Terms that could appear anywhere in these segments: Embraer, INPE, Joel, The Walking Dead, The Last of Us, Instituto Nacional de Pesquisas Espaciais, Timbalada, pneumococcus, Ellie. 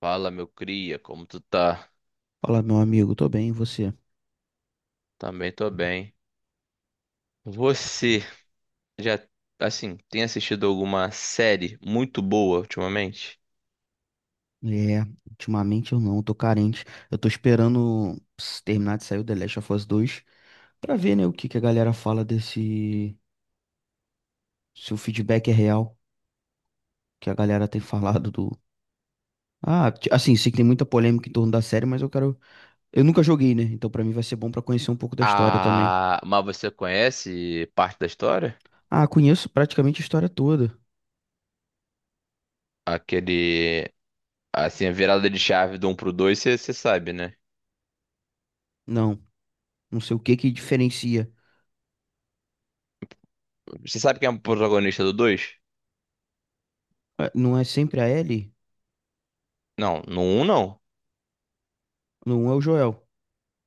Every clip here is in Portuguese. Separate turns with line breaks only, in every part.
Fala, meu cria, como tu tá?
Fala, meu amigo, tô bem, e você?
Também tô bem. Você já, assim, tem assistido alguma série muito boa ultimamente?
É, ultimamente eu não, tô carente. Eu tô esperando terminar de sair o The Last of Us 2 pra ver, né, o que que a galera fala desse. Se o feedback é real, que a galera tem falado do. Ah, assim, sei que tem muita polêmica em torno da série, mas eu quero. Eu nunca joguei, né? Então pra mim vai ser bom pra conhecer um pouco da história também.
Ah, mas você conhece parte da história?
Ah, conheço praticamente a história toda.
Aquele, assim, a virada de chave do 1 pro 2 você sabe, né?
Não, não sei o que que diferencia.
Você sabe quem é o protagonista do dois?
Ah, não é sempre a Ellie,
Não, no um não.
não é o Joel,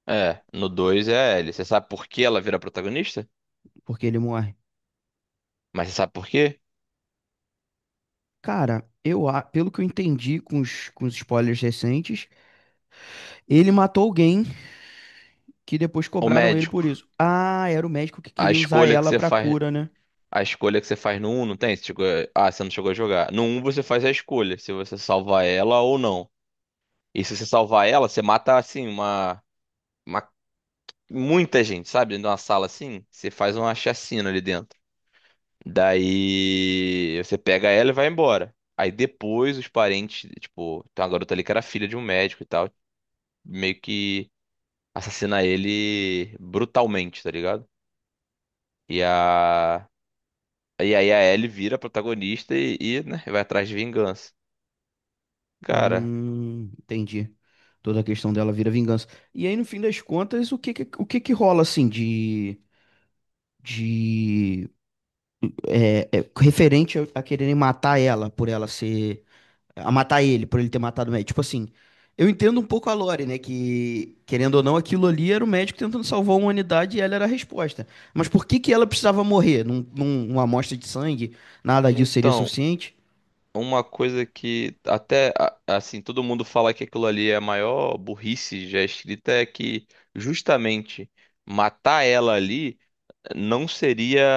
É, no dois é a Ellie. Você sabe por que ela vira protagonista?
porque ele morre.
Mas você sabe por quê?
Cara, eu, pelo que eu entendi com os, spoilers recentes, ele matou alguém que depois
O
cobraram ele
médico.
por isso. Ah, era o médico que
A
queria usar
escolha que
ela
você
pra
faz.
cura, né?
A escolha que você faz no um, não tem? Você chegou... Ah, você não chegou a jogar. No um você faz a escolha, se você salvar ela ou não. E se você salvar ela, você mata, assim, uma muita gente, sabe? Dentro de uma sala assim, você faz uma chacina ali dentro. Daí você pega ela e vai embora. Aí depois os parentes, tipo, tem uma garota ali que era filha de um médico e tal, meio que assassina ele brutalmente, tá ligado? E a. E aí a Ellie vira a protagonista né, vai atrás de vingança. Cara,
Entendi. Toda a questão dela vira vingança. E aí, no fim das contas, o que que rola assim de de referente a quererem matar ela por ela ser a matar ele, por ele ter matado o médico. Tipo assim, eu entendo um pouco a Lore, né? Que, querendo ou não, aquilo ali era o médico tentando salvar a humanidade e ela era a resposta. Mas por que que ela precisava morrer? Uma amostra de sangue, nada disso seria
então,
suficiente?
uma coisa que até assim, todo mundo fala que aquilo ali é a maior burrice já escrita é que justamente matar ela ali não seria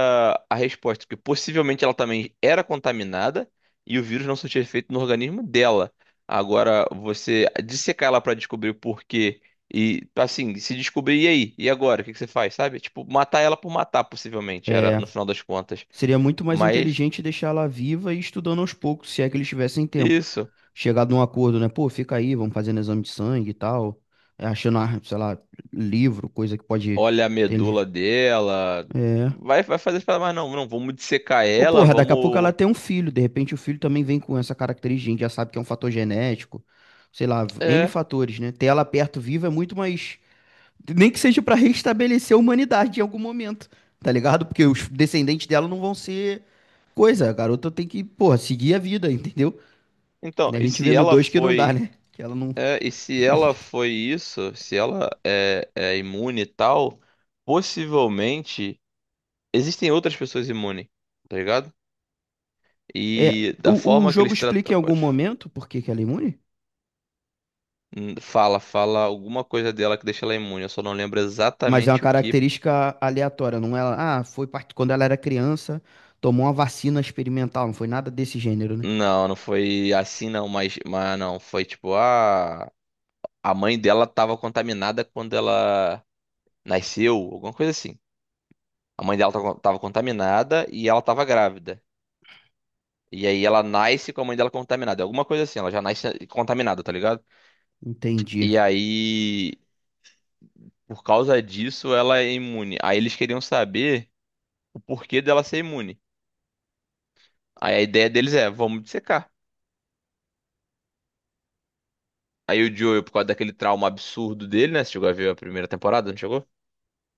a resposta, porque possivelmente ela também era contaminada e o vírus não surtia efeito no organismo dela. Agora, você dissecar ela pra descobrir o porquê e assim, se descobrir, e aí? E agora? O que que você faz, sabe? Tipo, matar ela por matar, possivelmente, era
É,
no final das contas.
seria muito mais
Mas
inteligente deixar ela viva e estudando aos poucos, se é que eles tivessem tempo.
isso.
Chegar num acordo, né? Pô, fica aí, vamos fazendo exame de sangue e tal. É, achando, ah, sei lá, livro, coisa que pode
Olha a
ter, né?
medula dela.
É.
Vai, vai fazer, para mas não, não, vamos dissecar
Ô,
ela,
porra, daqui a pouco ela
vamos.
tem um filho, de repente o filho também vem com essa característica, a gente já sabe que é um fator genético, sei lá, N
É.
fatores, né? Ter ela perto viva é muito mais. Nem que seja pra restabelecer a humanidade em algum momento, tá ligado? Porque os descendentes dela não vão ser coisa, a garota tem que, porra, seguir a vida, entendeu?
Então,
E a
e
gente vê
se
no
ela
2 que não dá,
foi.
né? Que ela não.
É, e se ela foi isso, se ela é imune e tal, possivelmente existem outras pessoas imunes, tá ligado?
É,
E da
o
forma que
jogo
eles
explica
tratam.
em algum
pode-
momento por que que ela é imune?
Hum, Fala, fala alguma coisa dela que deixa ela imune, eu só não lembro
Mas é uma
exatamente o que.
característica aleatória, não é? Ah, foi quando ela era criança, tomou uma vacina experimental, não foi nada desse gênero, né?
Não, não foi assim não, mas não, foi tipo, ah. A mãe dela estava contaminada quando ela nasceu, alguma coisa assim. A mãe dela estava contaminada e ela estava grávida. E aí ela nasce com a mãe dela contaminada. É alguma coisa assim, ela já nasce contaminada, tá ligado?
Entendi.
E aí, por causa disso, ela é imune. Aí eles queriam saber o porquê dela ser imune. Aí a ideia deles é, vamos dissecar. Aí o Joel, por causa daquele trauma absurdo dele, né? Você chegou a ver a primeira temporada, não chegou?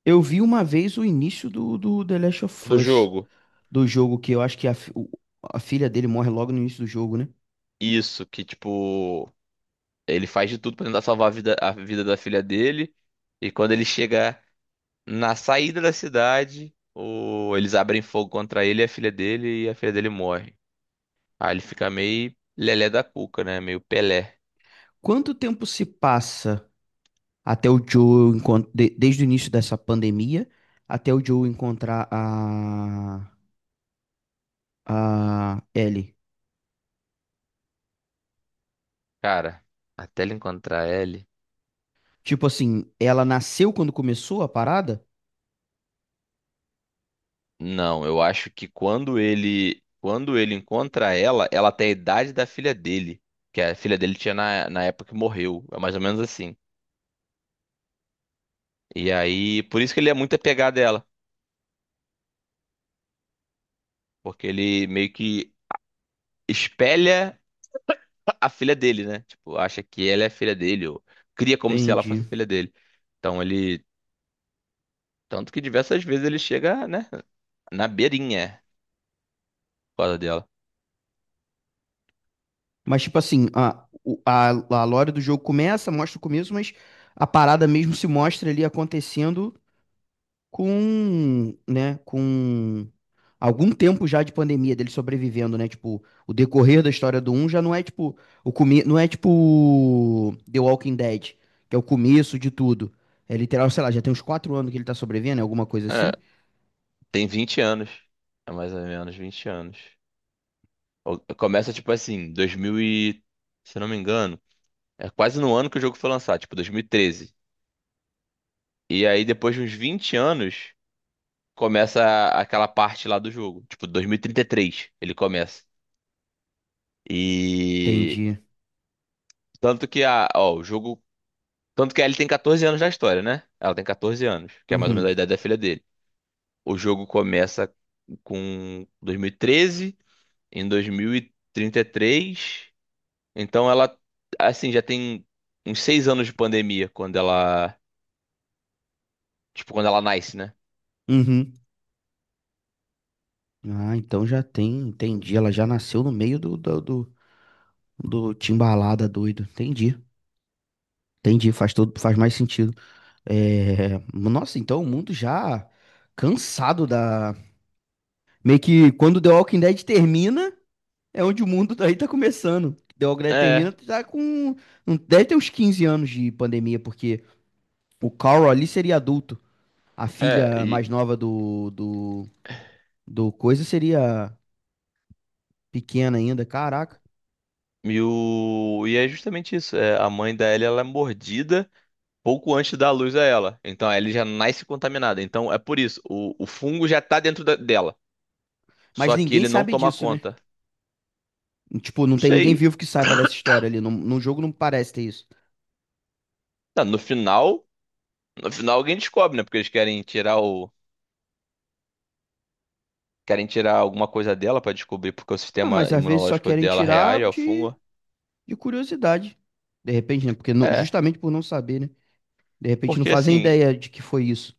Eu vi uma vez o início do The Last of
Do
Us,
jogo.
do jogo, que eu acho que a filha dele morre logo no início do jogo, né?
Isso. Que tipo, ele faz de tudo pra tentar salvar a vida da filha dele. E quando ele chega na saída da cidade, o... eles abrem fogo contra ele e a filha dele, e a filha dele morre. Aí ele fica meio lelé da cuca, né? Meio Pelé.
Quanto tempo se passa até o Joe encontrar, desde o início dessa pandemia, até o Joe encontrar a Ellie?
Cara, até ele encontrar ele.
Tipo assim, ela nasceu quando começou a parada?
Não, eu acho que quando ele encontra ela, ela tem a idade da filha dele, que a filha dele tinha na época que morreu, é mais ou menos assim. E aí, por isso que ele é muito apegado a ela, porque ele meio que espelha a filha dele, né? Tipo, acha que ela é a filha dele, ou cria como se ela
Entendi.
fosse a filha dele. Então ele. Tanto que diversas vezes ele chega, né? Na beirinha, é, por causa dela.
Mas, tipo assim, a lore do jogo começa, mostra o começo, mas a parada mesmo se mostra ali acontecendo com, né, com algum tempo já de pandemia dele sobrevivendo, né? Tipo, o decorrer da história do um já não é tipo não é tipo The Walking Dead, que é o começo de tudo. É literal, sei lá, já tem uns 4 anos que ele tá sobrevivendo, é alguma coisa
É,
assim?
tem 20 anos. É mais ou menos 20 anos. Começa, tipo assim, 2000 e... Se eu não me engano, é quase no ano que o jogo foi lançado, tipo 2013. E aí, depois de uns 20 anos, começa aquela parte lá do jogo. Tipo, dois mil e trinta e três ele começa. E...
Entendi.
Tanto que a, ó, o jogo, tanto que a Ellie tem 14 anos na história, né? Ela tem 14 anos, que é mais ou menos a
Uhum.
idade da filha dele. O jogo começa com 2013, em 2033. Então ela, assim, já tem uns 6 anos de pandemia quando ela, tipo, quando ela nasce, né?
Uhum. Ah, então já tem, entendi. Ela já nasceu no meio do Timbalada, doido. Entendi. Entendi, faz mais sentido. É, nossa, então o mundo já cansado da. Meio que quando The Walking Dead termina, é onde o mundo daí tá começando. The Walking Dead
É,
termina, tá com. Deve ter uns 15 anos de pandemia, porque o Carl ali seria adulto. A
é,
filha
e,
mais nova do coisa seria pequena ainda, caraca.
e é justamente isso. É, a mãe da Ellie, ela é mordida pouco antes da luz a ela. Então a Ellie já nasce contaminada. Então é por isso, o fungo já tá dentro dela.
Mas
Só que
ninguém
ele não
sabe
toma
disso, né?
conta.
Tipo, não
Não
tem ninguém
sei.
vivo que saiba dessa história ali. No jogo não parece ter isso.
Não, no final, no final alguém descobre, né? Porque eles querem tirar querem tirar alguma coisa dela pra descobrir porque o
Ah,
sistema
mas às vezes só
imunológico
querem
dela
tirar
reage ao
de,
fungo.
de curiosidade. De repente, né? Porque
É,
justamente por não saber, né? De repente não
porque
fazem
assim,
ideia de que foi isso.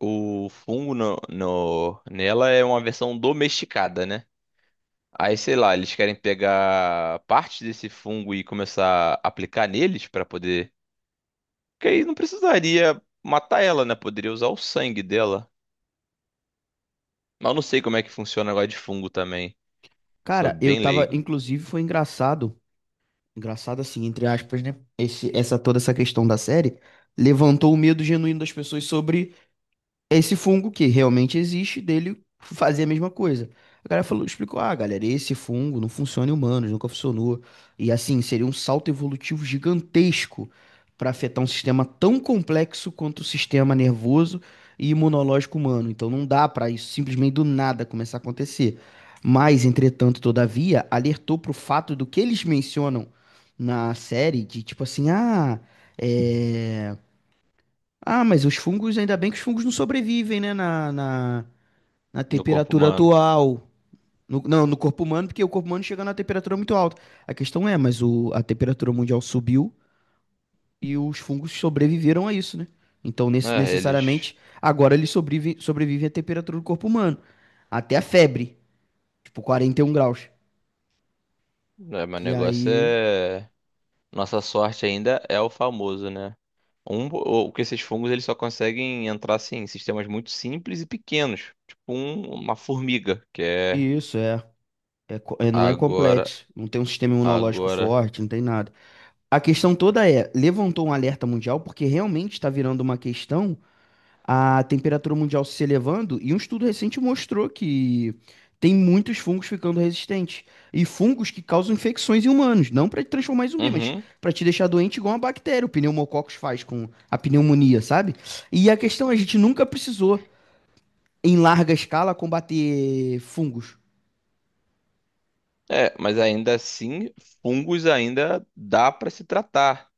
o fungo nela é uma versão domesticada, né? Aí, sei lá, eles querem pegar parte desse fungo e começar a aplicar neles pra poder. Porque aí não precisaria matar ela, né? Poderia usar o sangue dela. Mas eu não sei como é que funciona o negócio de fungo também. Sou
Cara, eu
bem
tava,
leigo
inclusive, foi engraçado. Engraçado assim, entre aspas, né? Essa toda essa questão da série levantou o medo genuíno das pessoas sobre esse fungo que realmente existe, dele fazer a mesma coisa. O cara falou, explicou, ah, galera, esse fungo não funciona em humanos, nunca funcionou. E assim, seria um salto evolutivo gigantesco para afetar um sistema tão complexo quanto o sistema nervoso e imunológico humano. Então não dá para isso simplesmente do nada começar a acontecer. Mas, entretanto, todavia, alertou para o fato do que eles mencionam na série, de tipo assim, ah, é. Ah, mas os fungos, ainda bem que os fungos não sobrevivem, né? Na
no corpo
temperatura
humano.
atual. Não, no corpo humano, porque o corpo humano chega na temperatura muito alta. A questão é, mas a temperatura mundial subiu e os fungos sobreviveram a isso, né? Então,
É, eles.
necessariamente, agora eles sobrevivem, sobrevivem à temperatura do corpo humano. Até a febre, tipo 41 graus.
Né, mas o
Que
negócio
aí,
é. Nossa sorte ainda é o famoso, né? O que esses fungos, eles só conseguem entrar assim em sistemas muito simples e pequenos. Tipo uma formiga, que é
isso, não é
agora,
complexo. Não tem um sistema imunológico
agora.
forte, não tem nada. A questão toda é, levantou um alerta mundial porque realmente está virando uma questão a temperatura mundial se elevando e um estudo recente mostrou que tem muitos fungos ficando resistentes e fungos que causam infecções em humanos, não para te transformar em zumbi, mas
Uhum.
para te deixar doente igual uma bactéria, o pneumococcus faz com a pneumonia, sabe? E a questão, é, a gente nunca precisou em larga escala combater fungos.
É, mas ainda assim, fungos ainda dá pra se tratar.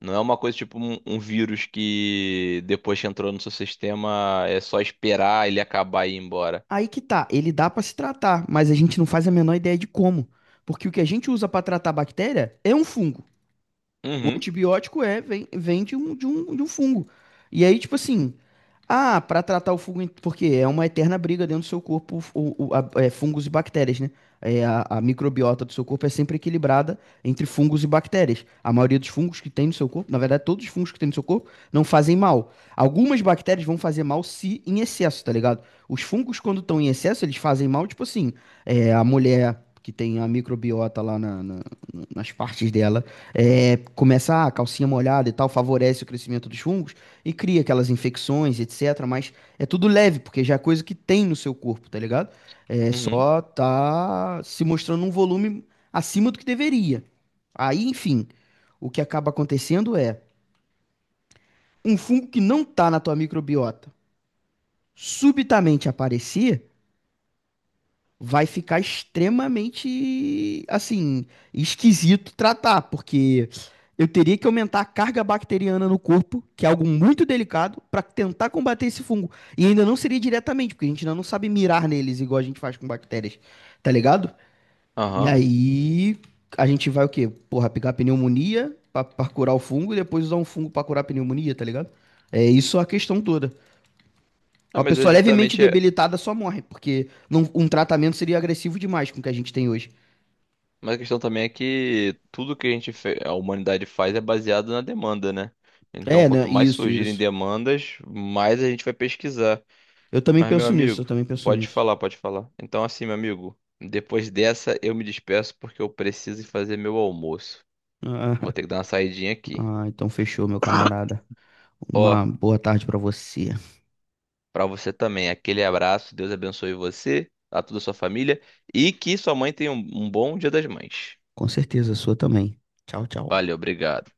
Não é uma coisa tipo um, um vírus que depois que entrou no seu sistema é só esperar ele acabar e ir embora.
Aí que tá, ele dá pra se tratar, mas a gente não faz a menor ideia de como. Porque o que a gente usa pra tratar a bactéria é um fungo. O
Uhum,
antibiótico é, vem de um fungo. E aí, tipo assim, ah, pra tratar o fungo, porque é uma eterna briga dentro do seu corpo, fungos e bactérias, né? É, a microbiota do seu corpo é sempre equilibrada entre fungos e bactérias. A maioria dos fungos que tem no seu corpo, na verdade, todos os fungos que tem no seu corpo não fazem mal. Algumas bactérias vão fazer mal se em excesso, tá ligado? Os fungos, quando estão em excesso, eles fazem mal, tipo assim, é, a mulher que tem a microbiota lá nas partes dela é, começa a calcinha molhada e tal, favorece o crescimento dos fungos e cria aquelas infecções, etc. Mas é tudo leve, porque já é coisa que tem no seu corpo, tá ligado? É,
uhum,
só tá se mostrando um volume acima do que deveria. Aí, enfim, o que acaba acontecendo é um fungo que não tá na tua microbiota subitamente aparecer vai ficar extremamente, assim, esquisito tratar, porque eu teria que aumentar a carga bacteriana no corpo, que é algo muito delicado, para tentar combater esse fungo. E ainda não seria diretamente, porque a gente ainda não sabe mirar neles igual a gente faz com bactérias, tá ligado? E
aham.
aí a gente vai o quê? Porra, pegar pneumonia pra curar o fungo e depois usar um fungo pra curar a pneumonia, tá ligado? É isso a questão toda.
Não,
Uma
mas é
pessoa levemente
justamente.
debilitada só morre, porque um tratamento seria agressivo demais com o que a gente tem hoje.
Mas a questão também é que tudo que a gente, a humanidade faz é baseado na demanda, né? Então,
É, né?
quanto mais
Isso,
surgirem
isso.
demandas, mais a gente vai pesquisar.
Eu também
Mas, meu
penso nisso, eu
amigo,
também penso
pode
nisso.
falar, pode falar. Então, assim, meu amigo, depois dessa eu me despeço porque eu preciso ir fazer meu almoço. Vou ter que dar uma saidinha aqui.
Ah, então fechou, meu camarada. Uma
Ó,
boa tarde pra você.
pra você também, aquele abraço, Deus abençoe você, a toda a sua família e que sua mãe tenha um bom Dia das Mães.
Com certeza, a sua também. Tchau, tchau.
Valeu, obrigado.